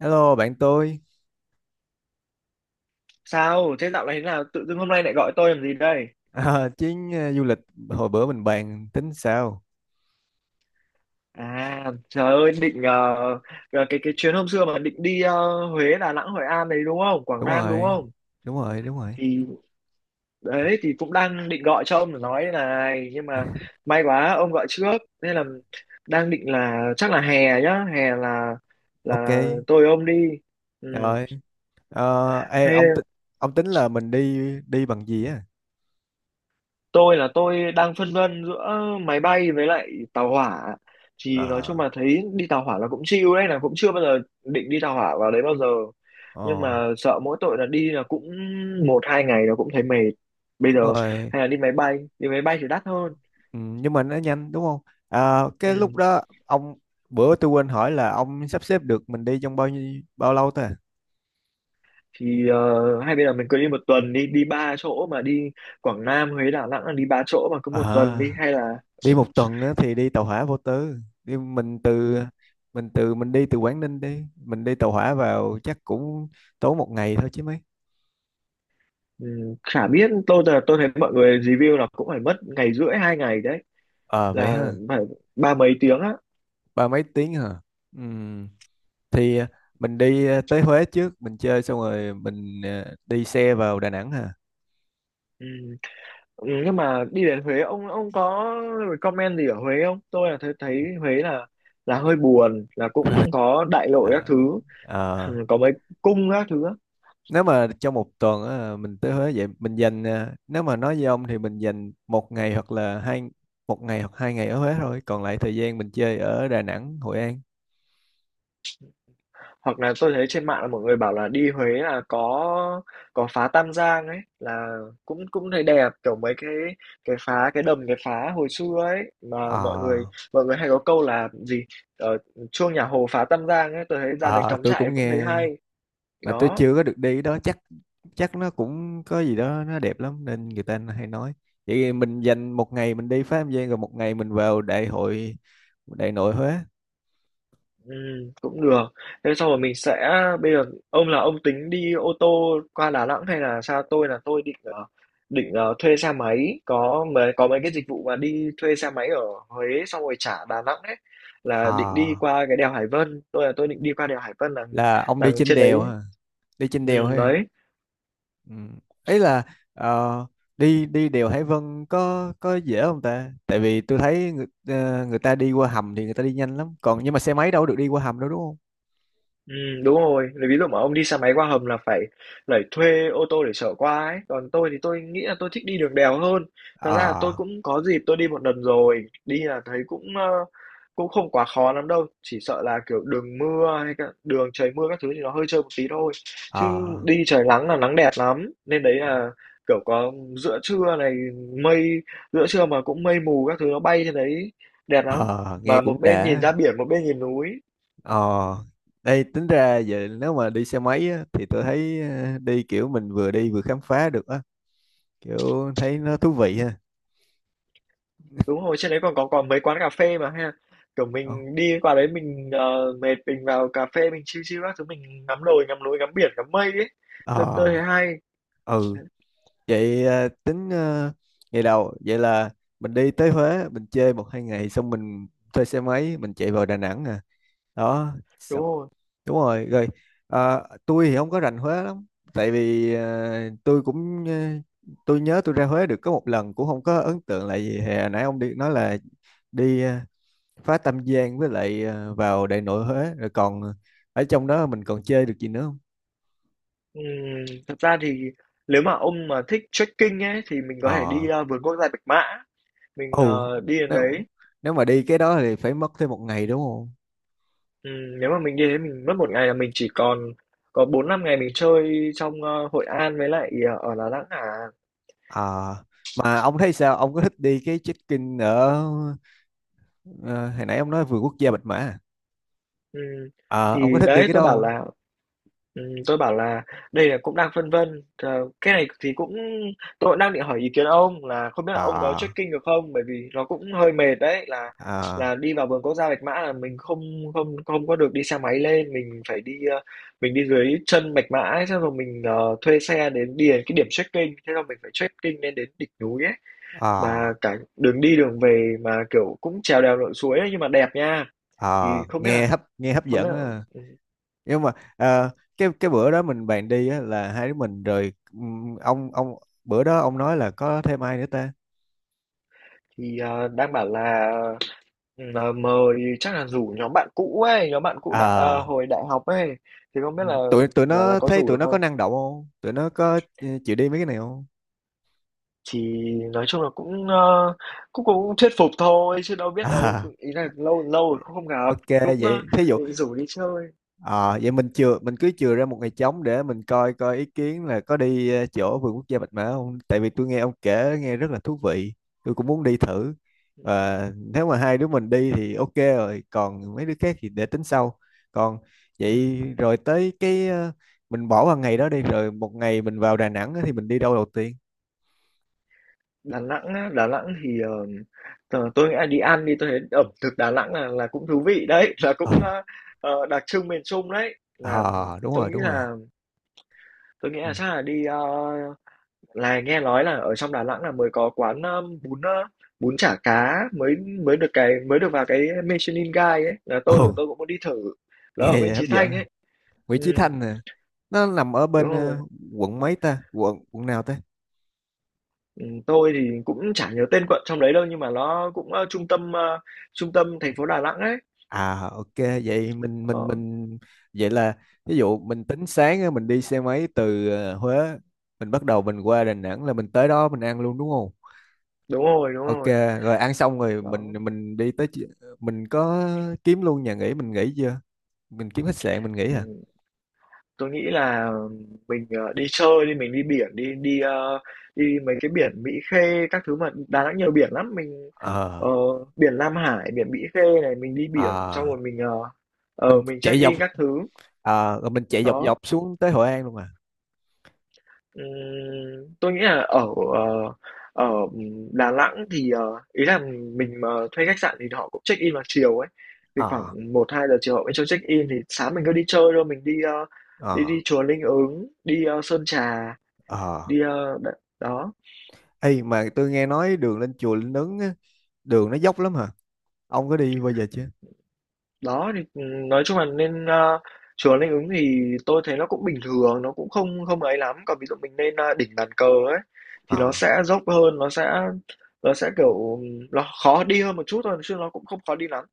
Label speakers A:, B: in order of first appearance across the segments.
A: Hello bạn tôi.
B: Sao? Thế dạo này thế nào? Tự dưng hôm nay lại gọi tôi làm gì đây?
A: À, chuyến du lịch hồi bữa mình bàn tính sao?
B: À, trời ơi, định cái chuyến hôm xưa mà định đi Huế, Đà Nẵng, Hội An đấy đúng không? Quảng
A: Đúng
B: Nam đúng
A: rồi.
B: không?
A: Đúng rồi, đúng rồi.
B: Thì đấy thì cũng đang định gọi cho ông để nói này, nhưng mà may quá ông gọi trước. Nên là đang định là chắc là hè nhá, hè là
A: Ok.
B: là tôi với ông đi. Ừ.
A: Rồi. Ờ, ê,
B: Thế
A: ông tính là mình đi đi bằng gì á?
B: tôi đang phân vân giữa máy bay với lại tàu hỏa, thì nói chung
A: À.
B: là thấy đi tàu hỏa là cũng chill đấy, là cũng chưa bao giờ định đi tàu hỏa vào đấy bao giờ,
A: Ồ,
B: nhưng mà sợ mỗi tội là đi là cũng một hai ngày là cũng thấy mệt. Bây
A: đúng
B: giờ
A: rồi.
B: hay là đi máy bay, đi máy bay thì đắt hơn.
A: Ừ, nhưng mà nó nhanh đúng không? À,
B: Ừ.
A: cái lúc đó ông bữa tôi quên hỏi là ông sắp xếp được mình đi trong bao lâu ta?
B: Thì hay bây giờ mình cứ đi một tuần đi, đi ba chỗ mà đi, Quảng Nam Huế Đà Nẵng là đi ba chỗ mà cứ một tuần đi,
A: À,
B: hay là ừ.
A: đi một tuần á, thì đi tàu hỏa vô tư. đi mình từ
B: Ừ.
A: mình từ mình đi từ Quảng Ninh, đi tàu hỏa vào chắc cũng tốn một ngày thôi chứ mấy.
B: Ừ. Chả biết, tôi thấy mọi người review là cũng phải mất ngày rưỡi hai ngày đấy,
A: Ờ vậy
B: là
A: ha.
B: phải ba mấy tiếng á.
A: Ba mấy tiếng hả? Ừm, thì à, mình đi à, tới Huế trước mình chơi xong rồi mình, à, đi xe vào Đà Nẵng hả?
B: Ừ. Ừ, nhưng mà đi đến Huế, ông có comment gì ở Huế không? Tôi là thấy thấy Huế là hơi buồn, là cũng có đại lộ các
A: À,
B: thứ.
A: ờ,
B: Ừ, có mấy cung các thứ á.
A: nếu mà trong một tuần á, mình tới Huế vậy nếu mà nói với ông thì mình dành một ngày hoặc là hai. Một ngày hoặc 2 ngày ở Huế thôi, còn lại thời gian mình chơi ở Đà Nẵng, Hội An.
B: Hoặc là tôi thấy trên mạng là mọi người bảo là đi Huế là có phá Tam Giang ấy, là cũng cũng thấy đẹp, kiểu mấy cái phá cái đầm cái phá hồi xưa ấy, mà mọi người
A: Ờ.
B: mọi người hay có câu là gì, ở chuông nhà Hồ phá Tam Giang ấy, tôi thấy ra đấy
A: Ờ,
B: cắm
A: tôi
B: trại
A: cũng
B: cũng thấy
A: nghe,
B: hay.
A: mà tôi
B: Đó,
A: chưa có được đi đó. Chắc chắc nó cũng có gì đó nó đẹp lắm nên người ta hay nói. Vậy thì mình dành một ngày mình đi Phá Âm Giang, rồi một ngày mình vào đại nội Huế.
B: ừm, cũng được. Thế sau rồi mình sẽ bây giờ ông là ông tính đi ô tô qua Đà Nẵng hay là sao? Tôi định định thuê xe máy, có mấy cái dịch vụ mà đi thuê xe máy ở Huế xong rồi trả Đà Nẵng ấy, là định đi
A: À,
B: qua cái đèo Hải Vân. Tôi định đi qua đèo Hải Vân
A: là ông
B: là
A: đi trên
B: trên
A: đèo
B: đấy.
A: hả? Đi trên
B: Ừ,
A: đèo hay
B: đấy.
A: Ừ. Ấy là, ờ, đi đi đèo Hải Vân có dễ không ta? Tại vì tôi thấy người ta đi qua hầm thì người ta đi nhanh lắm, còn nhưng mà xe máy đâu được đi qua hầm đâu, đúng không?
B: Ừ, đúng rồi. Lấy ví dụ mà ông đi xe máy qua hầm là phải phải thuê ô tô để chở qua ấy. Còn tôi thì tôi nghĩ là tôi thích đi đường đèo hơn. Thật
A: Ờ.
B: ra là tôi cũng có dịp tôi đi một lần rồi. Đi là thấy cũng cũng không quá khó lắm đâu. Chỉ sợ là kiểu đường mưa hay cả đường trời mưa các thứ thì nó hơi trơn một tí thôi. Chứ
A: Ờ.
B: đi trời nắng là nắng đẹp lắm. Nên đấy
A: Ờ.
B: là kiểu có giữa trưa này, mây giữa trưa mà cũng mây mù các thứ nó bay trên đấy đẹp lắm.
A: Ờ, nghe
B: Mà một
A: cũng
B: bên nhìn
A: đã.
B: ra biển, một bên nhìn núi.
A: Ờ, đây tính ra vậy. Nếu mà đi xe máy á, thì tôi thấy, đi kiểu mình vừa đi vừa khám phá được á, kiểu thấy
B: Ừ.
A: nó thú vị ha.
B: Đúng rồi, trên đấy còn có còn mấy quán cà phê mà ha, kiểu
A: Ờ.
B: mình đi qua đấy mình mệt mình vào cà phê mình chill chill các thứ, mình ngắm đồi ngắm núi ngắm biển ngắm mây ấy, thật tôi
A: Ờ.
B: thấy hay.
A: Ừ, vậy, tính, ngày đầu vậy là mình đi tới Huế, mình chơi một hai ngày xong mình thuê xe máy, mình chạy vào Đà Nẵng à. Đó,
B: Đúng
A: xong.
B: rồi.
A: Đúng rồi. Rồi. Tôi thì không có rành Huế lắm, tại vì, tôi nhớ tôi ra Huế được có một lần cũng không có ấn tượng là gì. Hè nãy ông đi nói là đi, phá Tam Giang, với lại, vào Đại Nội Huế, rồi còn ở trong đó mình còn chơi được gì nữa không?
B: Thật ra thì nếu mà ông mà thích trekking ấy thì mình có
A: Ờ.
B: thể đi vườn quốc gia Bạch Mã, mình
A: Ồ,
B: đi đến
A: nếu
B: đấy.
A: nếu mà đi cái đó thì phải mất thêm một ngày đúng không?
B: Nếu mà mình đi đến mình mất một ngày là mình chỉ còn có bốn năm ngày mình chơi trong Hội An với lại ở Đà Nẵng à.
A: Ờ, mà ông thấy sao? Ông có thích đi cái check-in ở, ờ, hồi nãy ông nói vườn quốc gia Bạch Mã à?
B: Ừm,
A: Ờ, ông có
B: thì
A: thích đi
B: đấy
A: cái đó
B: tôi bảo
A: không?
B: là, ừm, tôi bảo là đây là cũng đang phân vân, ờ, cái này thì cũng tôi cũng đang định hỏi ý kiến ông, là không biết là
A: Ờ.
B: ông có trekking được không? Bởi vì nó cũng hơi mệt đấy,
A: Ờ.
B: là đi vào vườn quốc gia Bạch Mã là mình không không không có được đi xe máy lên, mình phải đi mình đi dưới chân Bạch Mã ấy, xong rồi mình thuê xe đến đi đến cái điểm trekking, thế là mình phải trekking lên đến đỉnh núi ấy,
A: Ờ.
B: mà cả đường đi đường về mà kiểu cũng trèo đèo lội suối ấy, nhưng mà đẹp nha. Thì
A: Ờ,
B: không biết là
A: nghe hấp
B: không biết
A: dẫn
B: là
A: á.
B: ừ,
A: Nhưng mà, cái bữa đó mình bàn đi á là hai đứa mình rồi, ông bữa đó ông nói là có thêm ai nữa ta?
B: thì đang bảo là mời chắc là rủ nhóm bạn cũ ấy, nhóm bạn cũ đại
A: Ờ,
B: hồi đại học ấy, thì không biết là
A: tụi tụi
B: là
A: nó
B: có
A: thấy
B: rủ
A: tụi
B: được
A: nó có
B: không?
A: năng động không? Tụi nó có, ừ, chịu đi mấy cái này không?
B: Thì nói chung là cũng cũng cũng thuyết phục thôi chứ đâu biết đâu,
A: À,
B: ý là lâu lâu rồi cũng không gặp,
A: ok,
B: cũng
A: vậy thí dụ.
B: định rủ đi chơi.
A: Ờ, vậy mình cứ chừa ra một ngày trống để mình coi coi ý kiến là có đi, chỗ vườn quốc gia Bạch Mã không. Tại vì tôi nghe ông kể nghe rất là thú vị, tôi cũng muốn đi thử. Và nếu mà hai đứa mình đi thì ok rồi, còn mấy đứa khác thì để tính sau. Còn vậy rồi tới cái, mình bỏ vào ngày đó đi rồi. Một ngày mình vào Đà Nẵng á thì mình đi đâu đầu tiên?
B: Đà Nẵng á, Đà Nẵng thì tôi nghĩ là đi ăn đi, tôi thấy ẩm thực Đà Nẵng là cũng thú vị đấy, là
A: Ờ.
B: cũng đặc trưng miền Trung đấy. Là
A: Ờ, đúng
B: tôi
A: rồi,
B: nghĩ
A: đúng rồi.
B: là tôi nghĩ
A: Ừ.
B: là chắc là đi là nghe nói là ở trong Đà Nẵng là mới có quán bún bún chả cá mới mới được mới được vào cái Michelin Guide ấy, là tôi
A: Ồ,
B: tôi cũng muốn đi thử. Nó
A: nghe
B: ở Nguyễn
A: vậy hấp
B: Chí
A: dẫn.
B: Thanh ấy. Ừ,
A: Nguyễn Chí Thanh nè. Nó nằm ở
B: đúng
A: bên,
B: rồi.
A: quận quận nào ta?
B: Ừ, tôi thì cũng chả nhớ tên quận trong đấy đâu, nhưng mà nó cũng trung tâm trung tâm thành phố Đà Nẵng ấy.
A: À, ok, vậy mình mình
B: Đó.
A: mình vậy là ví dụ mình tính sáng á, mình đi xe máy từ, Huế, mình bắt đầu mình qua Đà Nẵng là mình tới đó mình ăn luôn đúng không?
B: Đúng rồi đúng
A: Ok.
B: rồi.
A: Rồi ăn xong rồi mình
B: Đó.
A: mình đi tới mình có kiếm luôn nhà nghỉ mình nghỉ chưa? Mình kiếm khách sạn mình nghỉ à?
B: Ừ. Tôi nghĩ là mình, ờ, đi chơi đi, mình đi biển đi, đi, ơ, đi mấy cái biển Mỹ Khê các thứ, mà Đà Nẵng nhiều biển lắm, mình,
A: Ờ.
B: ờ, biển Lam Hải, biển Mỹ Khê này, mình đi biển xong
A: À,
B: rồi mình,
A: mình
B: mình
A: chạy dọc
B: check-in các thứ.
A: à, rồi mình chạy dọc
B: Đó,
A: dọc xuống tới Hội An luôn à?
B: tôi nghĩ là ở, ờ, ở Đà Nẵng thì, ờ, ý là mình mà thuê khách sạn thì họ cũng check-in vào chiều ấy, thì khoảng
A: Ờ.
B: một hai giờ chiều họ mới cho check-in thì sáng mình cứ đi chơi thôi, mình đi, ơ,
A: Ờ.
B: đi đi chùa Linh Ứng, đi, ơ, Sơn Trà.
A: Ờ.
B: Đi, ơ, đó.
A: Ê mà tôi nghe nói đường lên chùa Linh Ứng á, đường nó dốc lắm hả? Ông có đi bao giờ chưa?
B: Đó thì, nói chung là nên, a, chùa Linh Ứng thì tôi thấy nó cũng bình thường, nó cũng không không ấy lắm. Còn ví dụ mình lên, a, đỉnh bàn cờ ấy, thì nó
A: Ờ.
B: sẽ dốc hơn, kiểu, nó khó đi hơn một chút thôi, chứ nó cũng không khó đi lắm.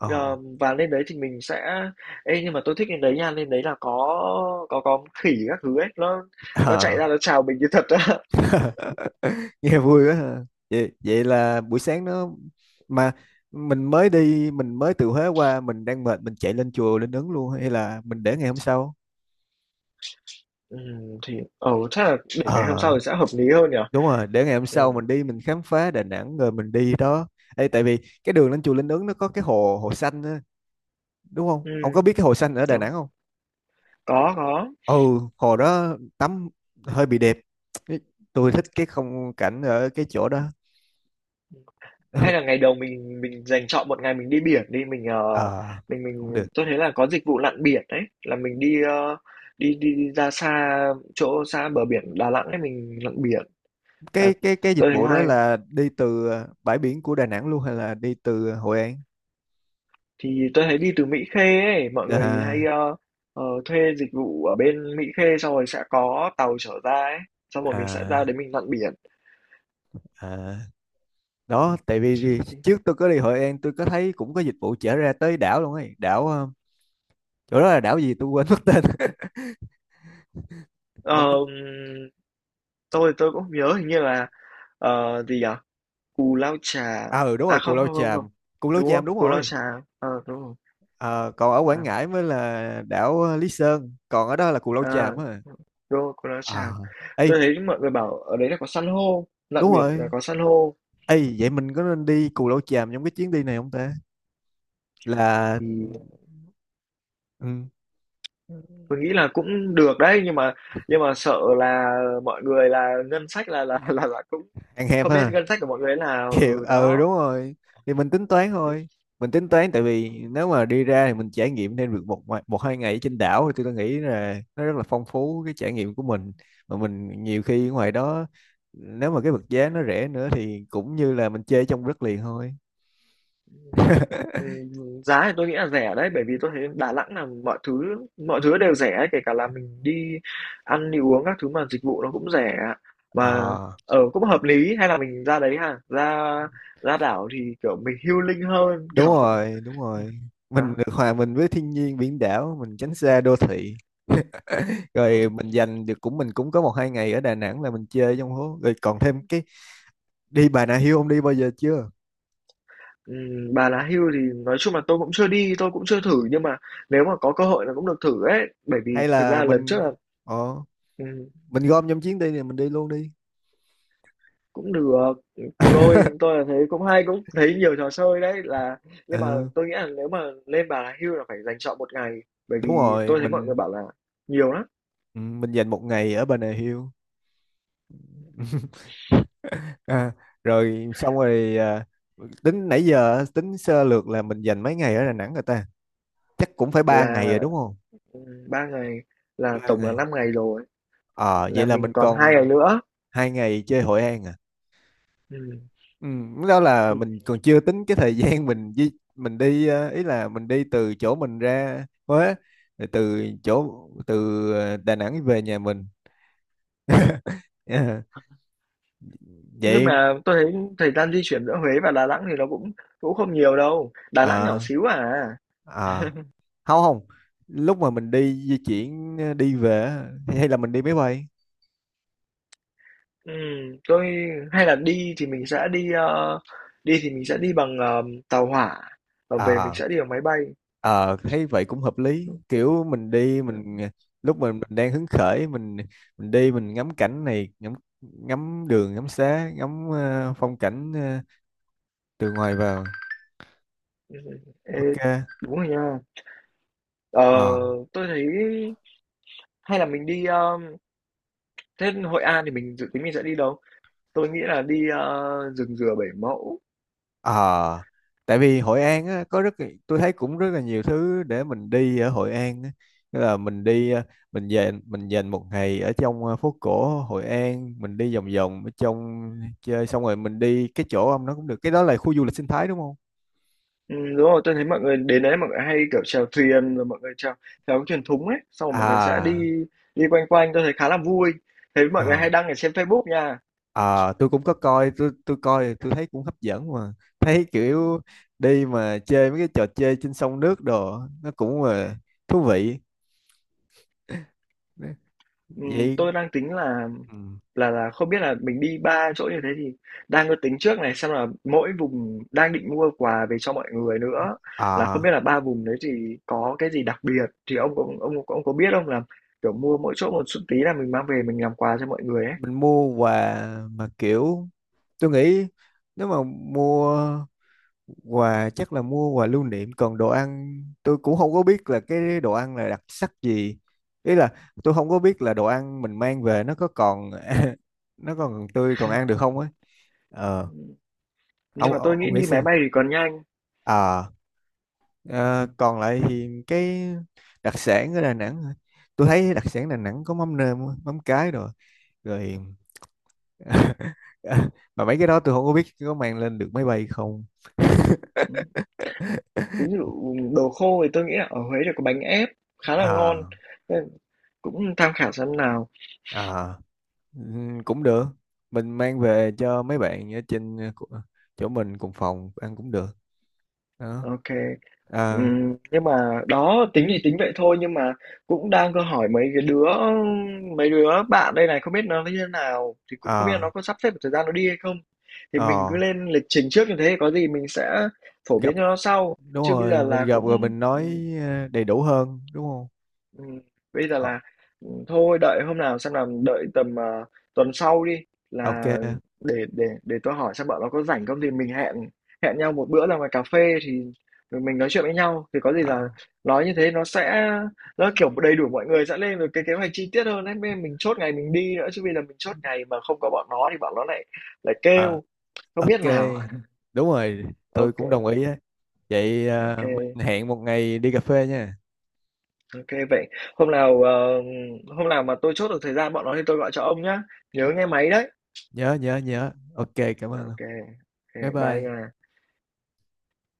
A: Ờ.
B: Ờ, và lên đấy thì mình sẽ ê, nhưng mà tôi thích lên đấy nha, lên đấy là có khỉ các thứ ấy, nó chạy
A: Ờ.
B: ra nó chào mình như thật á.
A: Nghe vui quá ha. Vậy là buổi sáng nó, mà, mình mới từ Huế qua, mình đang mệt, mình chạy lên chùa Linh Ứng luôn hay là mình để ngày hôm sau?
B: Thì ừ, chắc là để ngày hôm
A: Ờ,
B: sau thì sẽ hợp lý hơn nhỉ?
A: đúng rồi, để ngày hôm
B: Ừm,
A: sau mình đi mình khám phá Đà Nẵng rồi mình đi đó. Ê, tại vì cái đường lên chùa Linh Ứng nó có cái hồ hồ xanh á, đúng không? Ông có
B: ừm,
A: biết cái hồ xanh ở Đà
B: đúng,
A: Nẵng không?
B: có, có.
A: Ừ, hồ đó tắm hơi bị đẹp. Cái- Tôi thích cái không cảnh ở cái chỗ đó.
B: Hay là ngày đầu mình dành chọn một ngày mình đi biển đi, mình, ờ,
A: Ờ
B: mình
A: cũng
B: mình
A: được.
B: tôi thấy là có dịch vụ lặn biển đấy, là mình đi, ơ, đi đi đi ra xa chỗ xa bờ biển Đà Nẵng ấy, mình lặn biển. À,
A: Cái dịch
B: tôi thấy
A: vụ đó
B: hay.
A: là đi từ, à, bãi biển của Đà Nẵng luôn hay là đi từ Hội An?
B: Thì tôi thấy đi từ Mỹ Khê ấy, mọi người hay,
A: À.
B: ơ, ờ, thuê dịch vụ ở bên Mỹ Khê xong rồi sẽ có tàu chở ra ấy, xong rồi mình sẽ ra
A: À.
B: đấy mình lặn biển.
A: À. Đó, tại vì
B: Thì,
A: trước tôi có đi Hội An tôi có thấy cũng có dịch vụ chở ra tới đảo luôn ấy. Đảo, chỗ đó là đảo gì tôi quên mất tên. Ông ấy.
B: tôi cũng không nhớ, hình như là, ờ, gì nhỉ? Cù Lao Chà,
A: À, ừ đúng
B: à
A: rồi, Cù Lao
B: không,
A: Chàm. Cù Lao
B: đúng
A: Chàm,
B: không?
A: đúng
B: Cù Lao
A: rồi.
B: Chà, ờ, đúng rồi,
A: Ờ, còn ở Quảng
B: à,
A: Ngãi mới là đảo, Lý Sơn. Còn ở đó là Cù Lao Chàm
B: à,
A: á.
B: đúng rồi, Cù Lao
A: À.
B: Chàm.
A: Ê.
B: Tôi thấy mọi người bảo ở đấy là có san hô, lặn
A: Đúng
B: biển là
A: rồi.
B: có san hô.
A: Ê, vậy mình có nên đi Cù Lao Chàm trong cái chuyến đi này không ta? Là,
B: Thì
A: ừ.
B: tôi nghĩ là cũng được đấy, nhưng mà sợ là mọi người là ngân sách là là cũng
A: Ăn hẹp
B: không biết
A: ha.
B: ngân sách của mọi người là
A: Kiểu
B: ừ
A: ừ,
B: đó.
A: đúng rồi, thì mình tính toán, tại vì nếu mà đi ra thì mình trải nghiệm thêm được một một hai ngày ở trên đảo thì tôi nghĩ là nó rất là phong phú cái trải nghiệm của mình. Mà mình nhiều khi ngoài đó, nếu mà cái vật giá nó rẻ nữa thì cũng như là mình chơi trong đất liền thôi.
B: Ừm, giá thì tôi nghĩ là rẻ đấy, bởi vì tôi thấy Đà Nẵng là mọi thứ đều rẻ ấy, kể cả là mình đi ăn đi uống các thứ mà dịch vụ nó cũng rẻ, mà
A: Ờ,
B: ở cũng hợp lý. Hay là mình ra đấy ha, ra ra đảo thì kiểu mình healing hơn
A: đúng
B: kiểu
A: rồi, đúng rồi, mình
B: đó.
A: được hòa mình với thiên nhiên biển đảo, mình tránh xa đô thị. Rồi
B: Đó.
A: mình cũng có một hai ngày ở Đà Nẵng là mình chơi trong hố, rồi còn thêm cái đi Bà Nà Hills. Ông đi bao giờ chưa?
B: Bà Lá Hưu thì nói chung là tôi cũng chưa đi, tôi cũng chưa thử, nhưng mà nếu mà có cơ hội là cũng được thử ấy, bởi vì
A: Hay
B: thật
A: là
B: ra lần trước là
A: ờ,
B: ừ,
A: mình gom trong chuyến đi này mình đi luôn đi.
B: cũng được. Tôi là thấy cũng hay, cũng thấy nhiều trò chơi đấy, là nhưng mà
A: Ờ,
B: tôi nghĩ là nếu mà lên Bà Nà Hills là phải dành chọn một ngày, bởi
A: đúng
B: vì
A: rồi
B: tôi thấy mọi người bảo là nhiều lắm.
A: mình dành một ngày ở Bà Nà Hills. À, rồi xong rồi, à, tính nãy giờ á, tính sơ lược là mình dành mấy ngày ở Đà Nẵng rồi ta? Chắc cũng phải 3 ngày rồi
B: Là
A: đúng không?
B: ừ, ba ngày, là
A: ba
B: tổng là
A: ngày
B: 5 ngày rồi,
A: Ờ vậy
B: là
A: là mình
B: mình còn hai ngày
A: còn
B: nữa.
A: 2 ngày chơi Hội An à?
B: Ừ.
A: Ừ, lúc đó là
B: thì-
A: mình còn chưa tính cái thời gian mình đi, ý là mình đi từ chỗ mình ra Huế rồi từ, Đà Nẵng về nhà mình. Ờ,
B: nhưng
A: vậy.
B: mà tôi thấy thời gian di chuyển giữa Huế và Đà Nẵng thì nó cũng cũng không nhiều đâu, Đà Nẵng nhỏ
A: ờ
B: xíu à.
A: ờ, không, không lúc mà mình đi di chuyển, đi về á, hay là mình đi máy bay?
B: Tôi hay là đi thì mình sẽ đi, ờ, đi thì mình sẽ đi bằng, ờ, tàu hỏa, và về mình
A: À,
B: sẽ đi bằng máy bay.
A: ờ thấy vậy cũng hợp lý. Kiểu mình đi mình lúc mình đang hứng khởi mình đi mình ngắm cảnh này, ngắm ngắm đường ngắm xá, ngắm, phong cảnh, từ ngoài vào.
B: Ừ. Ê,
A: Ok.
B: đúng rồi nha. Ờ,
A: Ờ.
B: tôi thấy hay là mình đi, ờ, thế Hội An thì mình dự tính mình sẽ đi đâu? Tôi nghĩ là đi, ờ, rừng Dừa Bảy Mẫu.
A: Ờ, tại vì Hội An á, có rất tôi thấy cũng rất là nhiều thứ để mình đi ở Hội An á. Tức là mình dành một ngày ở trong, phố cổ Hội An mình đi vòng vòng ở trong chơi xong rồi mình đi cái chỗ ông nó, cũng được cái đó là khu du lịch sinh thái đúng không?
B: Đúng rồi, tôi thấy mọi người đến đấy mọi người hay kiểu chèo thuyền, rồi mọi người chèo chèo cái thuyền thúng ấy, xong rồi mọi người sẽ
A: À.
B: đi đi quanh quanh, tôi thấy khá là vui. Thấy mọi người
A: Ờ.
B: hay đăng ở trên Facebook nha.
A: À, tôi cũng có coi tôi coi tôi thấy cũng hấp dẫn, mà thấy kiểu đi mà chơi mấy cái trò chơi trên sông nước đồ nó cũng là thú vị vậy.
B: Tôi đang tính là
A: Ừ.
B: là không biết là mình đi 3 chỗ như thế thì đang có tính trước này, xem là mỗi vùng đang định mua quà về cho mọi người nữa, là không
A: À,
B: biết là 3 vùng đấy thì có cái gì đặc biệt, thì ông có biết không là, kiểu, mua mỗi chỗ một chút tí là mình mang về mình làm quà cho mọi người ấy?
A: mình mua quà mà kiểu tôi nghĩ, nếu mà mua quà chắc là mua quà lưu niệm. Còn đồ ăn tôi cũng không có biết là cái đồ ăn là đặc sắc gì. Ý là tôi không có biết là đồ ăn mình mang về nó có còn nó còn tươi còn ăn được không ấy. Ờ,
B: Ừm, nhưng
A: ông
B: mà
A: ông
B: tôi nghĩ
A: ông nghĩ
B: đi máy
A: xem.
B: bay thì còn nhanh.
A: À, ờ, còn lại thì cái đặc sản ở Đà Nẵng hả? Tôi thấy đặc sản Đà Nẵng có mắm nêm, mắm cái, rồi. Rồi. Mà mấy cái đó tôi không có biết có mang lên được máy bay không.
B: Ừm, ví dụ đồ khô thì tôi nghĩ là ở Huế thì có bánh ép khá là ngon,
A: À.
B: nên cũng tham khảo xem nào.
A: À. Ừ, cũng được. Mình mang về cho mấy bạn ở trên, chỗ mình cùng phòng ăn cũng được đó.
B: OK.
A: À.
B: Nhưng mà đó tính thì tính vậy thôi, nhưng mà cũng đang có hỏi mấy cái đứa mấy đứa bạn đây này, không biết nó như thế nào thì cũng không biết là
A: À.
B: nó có sắp xếp được thời gian nó đi hay không, thì mình cứ
A: ờ,
B: lên lịch trình trước như thế, có gì mình sẽ phổ
A: gặp
B: biến cho nó sau
A: đúng
B: chứ bây
A: rồi,
B: giờ
A: mình
B: là
A: gặp rồi
B: cũng
A: mình nói, đầy đủ hơn đúng không?
B: ừm, bây giờ
A: Ờ.
B: là, thôi đợi hôm nào xem nào, đợi tầm, ờ, tuần sau đi,
A: Ok.
B: là để tôi hỏi xem bọn nó có rảnh không, thì mình hẹn hẹn nhau một bữa ra ngoài cà phê, thì rồi mình nói chuyện với nhau, thì có gì
A: Ờ.
B: là nói như thế nó sẽ nó kiểu đầy đủ, mọi người sẽ lên được cái kế hoạch chi tiết hơn ấy, nên mình chốt ngày mình đi nữa chứ, vì là mình chốt ngày mà không có bọn nó thì bọn nó lại lại
A: Ờ.
B: kêu không
A: Ok,
B: biết nào.
A: đúng rồi, tôi
B: OK.
A: cũng đồng ý á. Vậy,
B: OK,
A: mình hẹn một ngày đi cà phê nha.
B: OK, vậy hôm nào, ờ, hôm nào mà tôi chốt được thời gian bọn nó thì tôi gọi cho ông nhá, nhớ
A: Ok.
B: nghe máy đấy.
A: Nhớ, nhớ, nhớ. Ok, cảm ơn.
B: OK,
A: Bye
B: OK, bye
A: bye.
B: nha.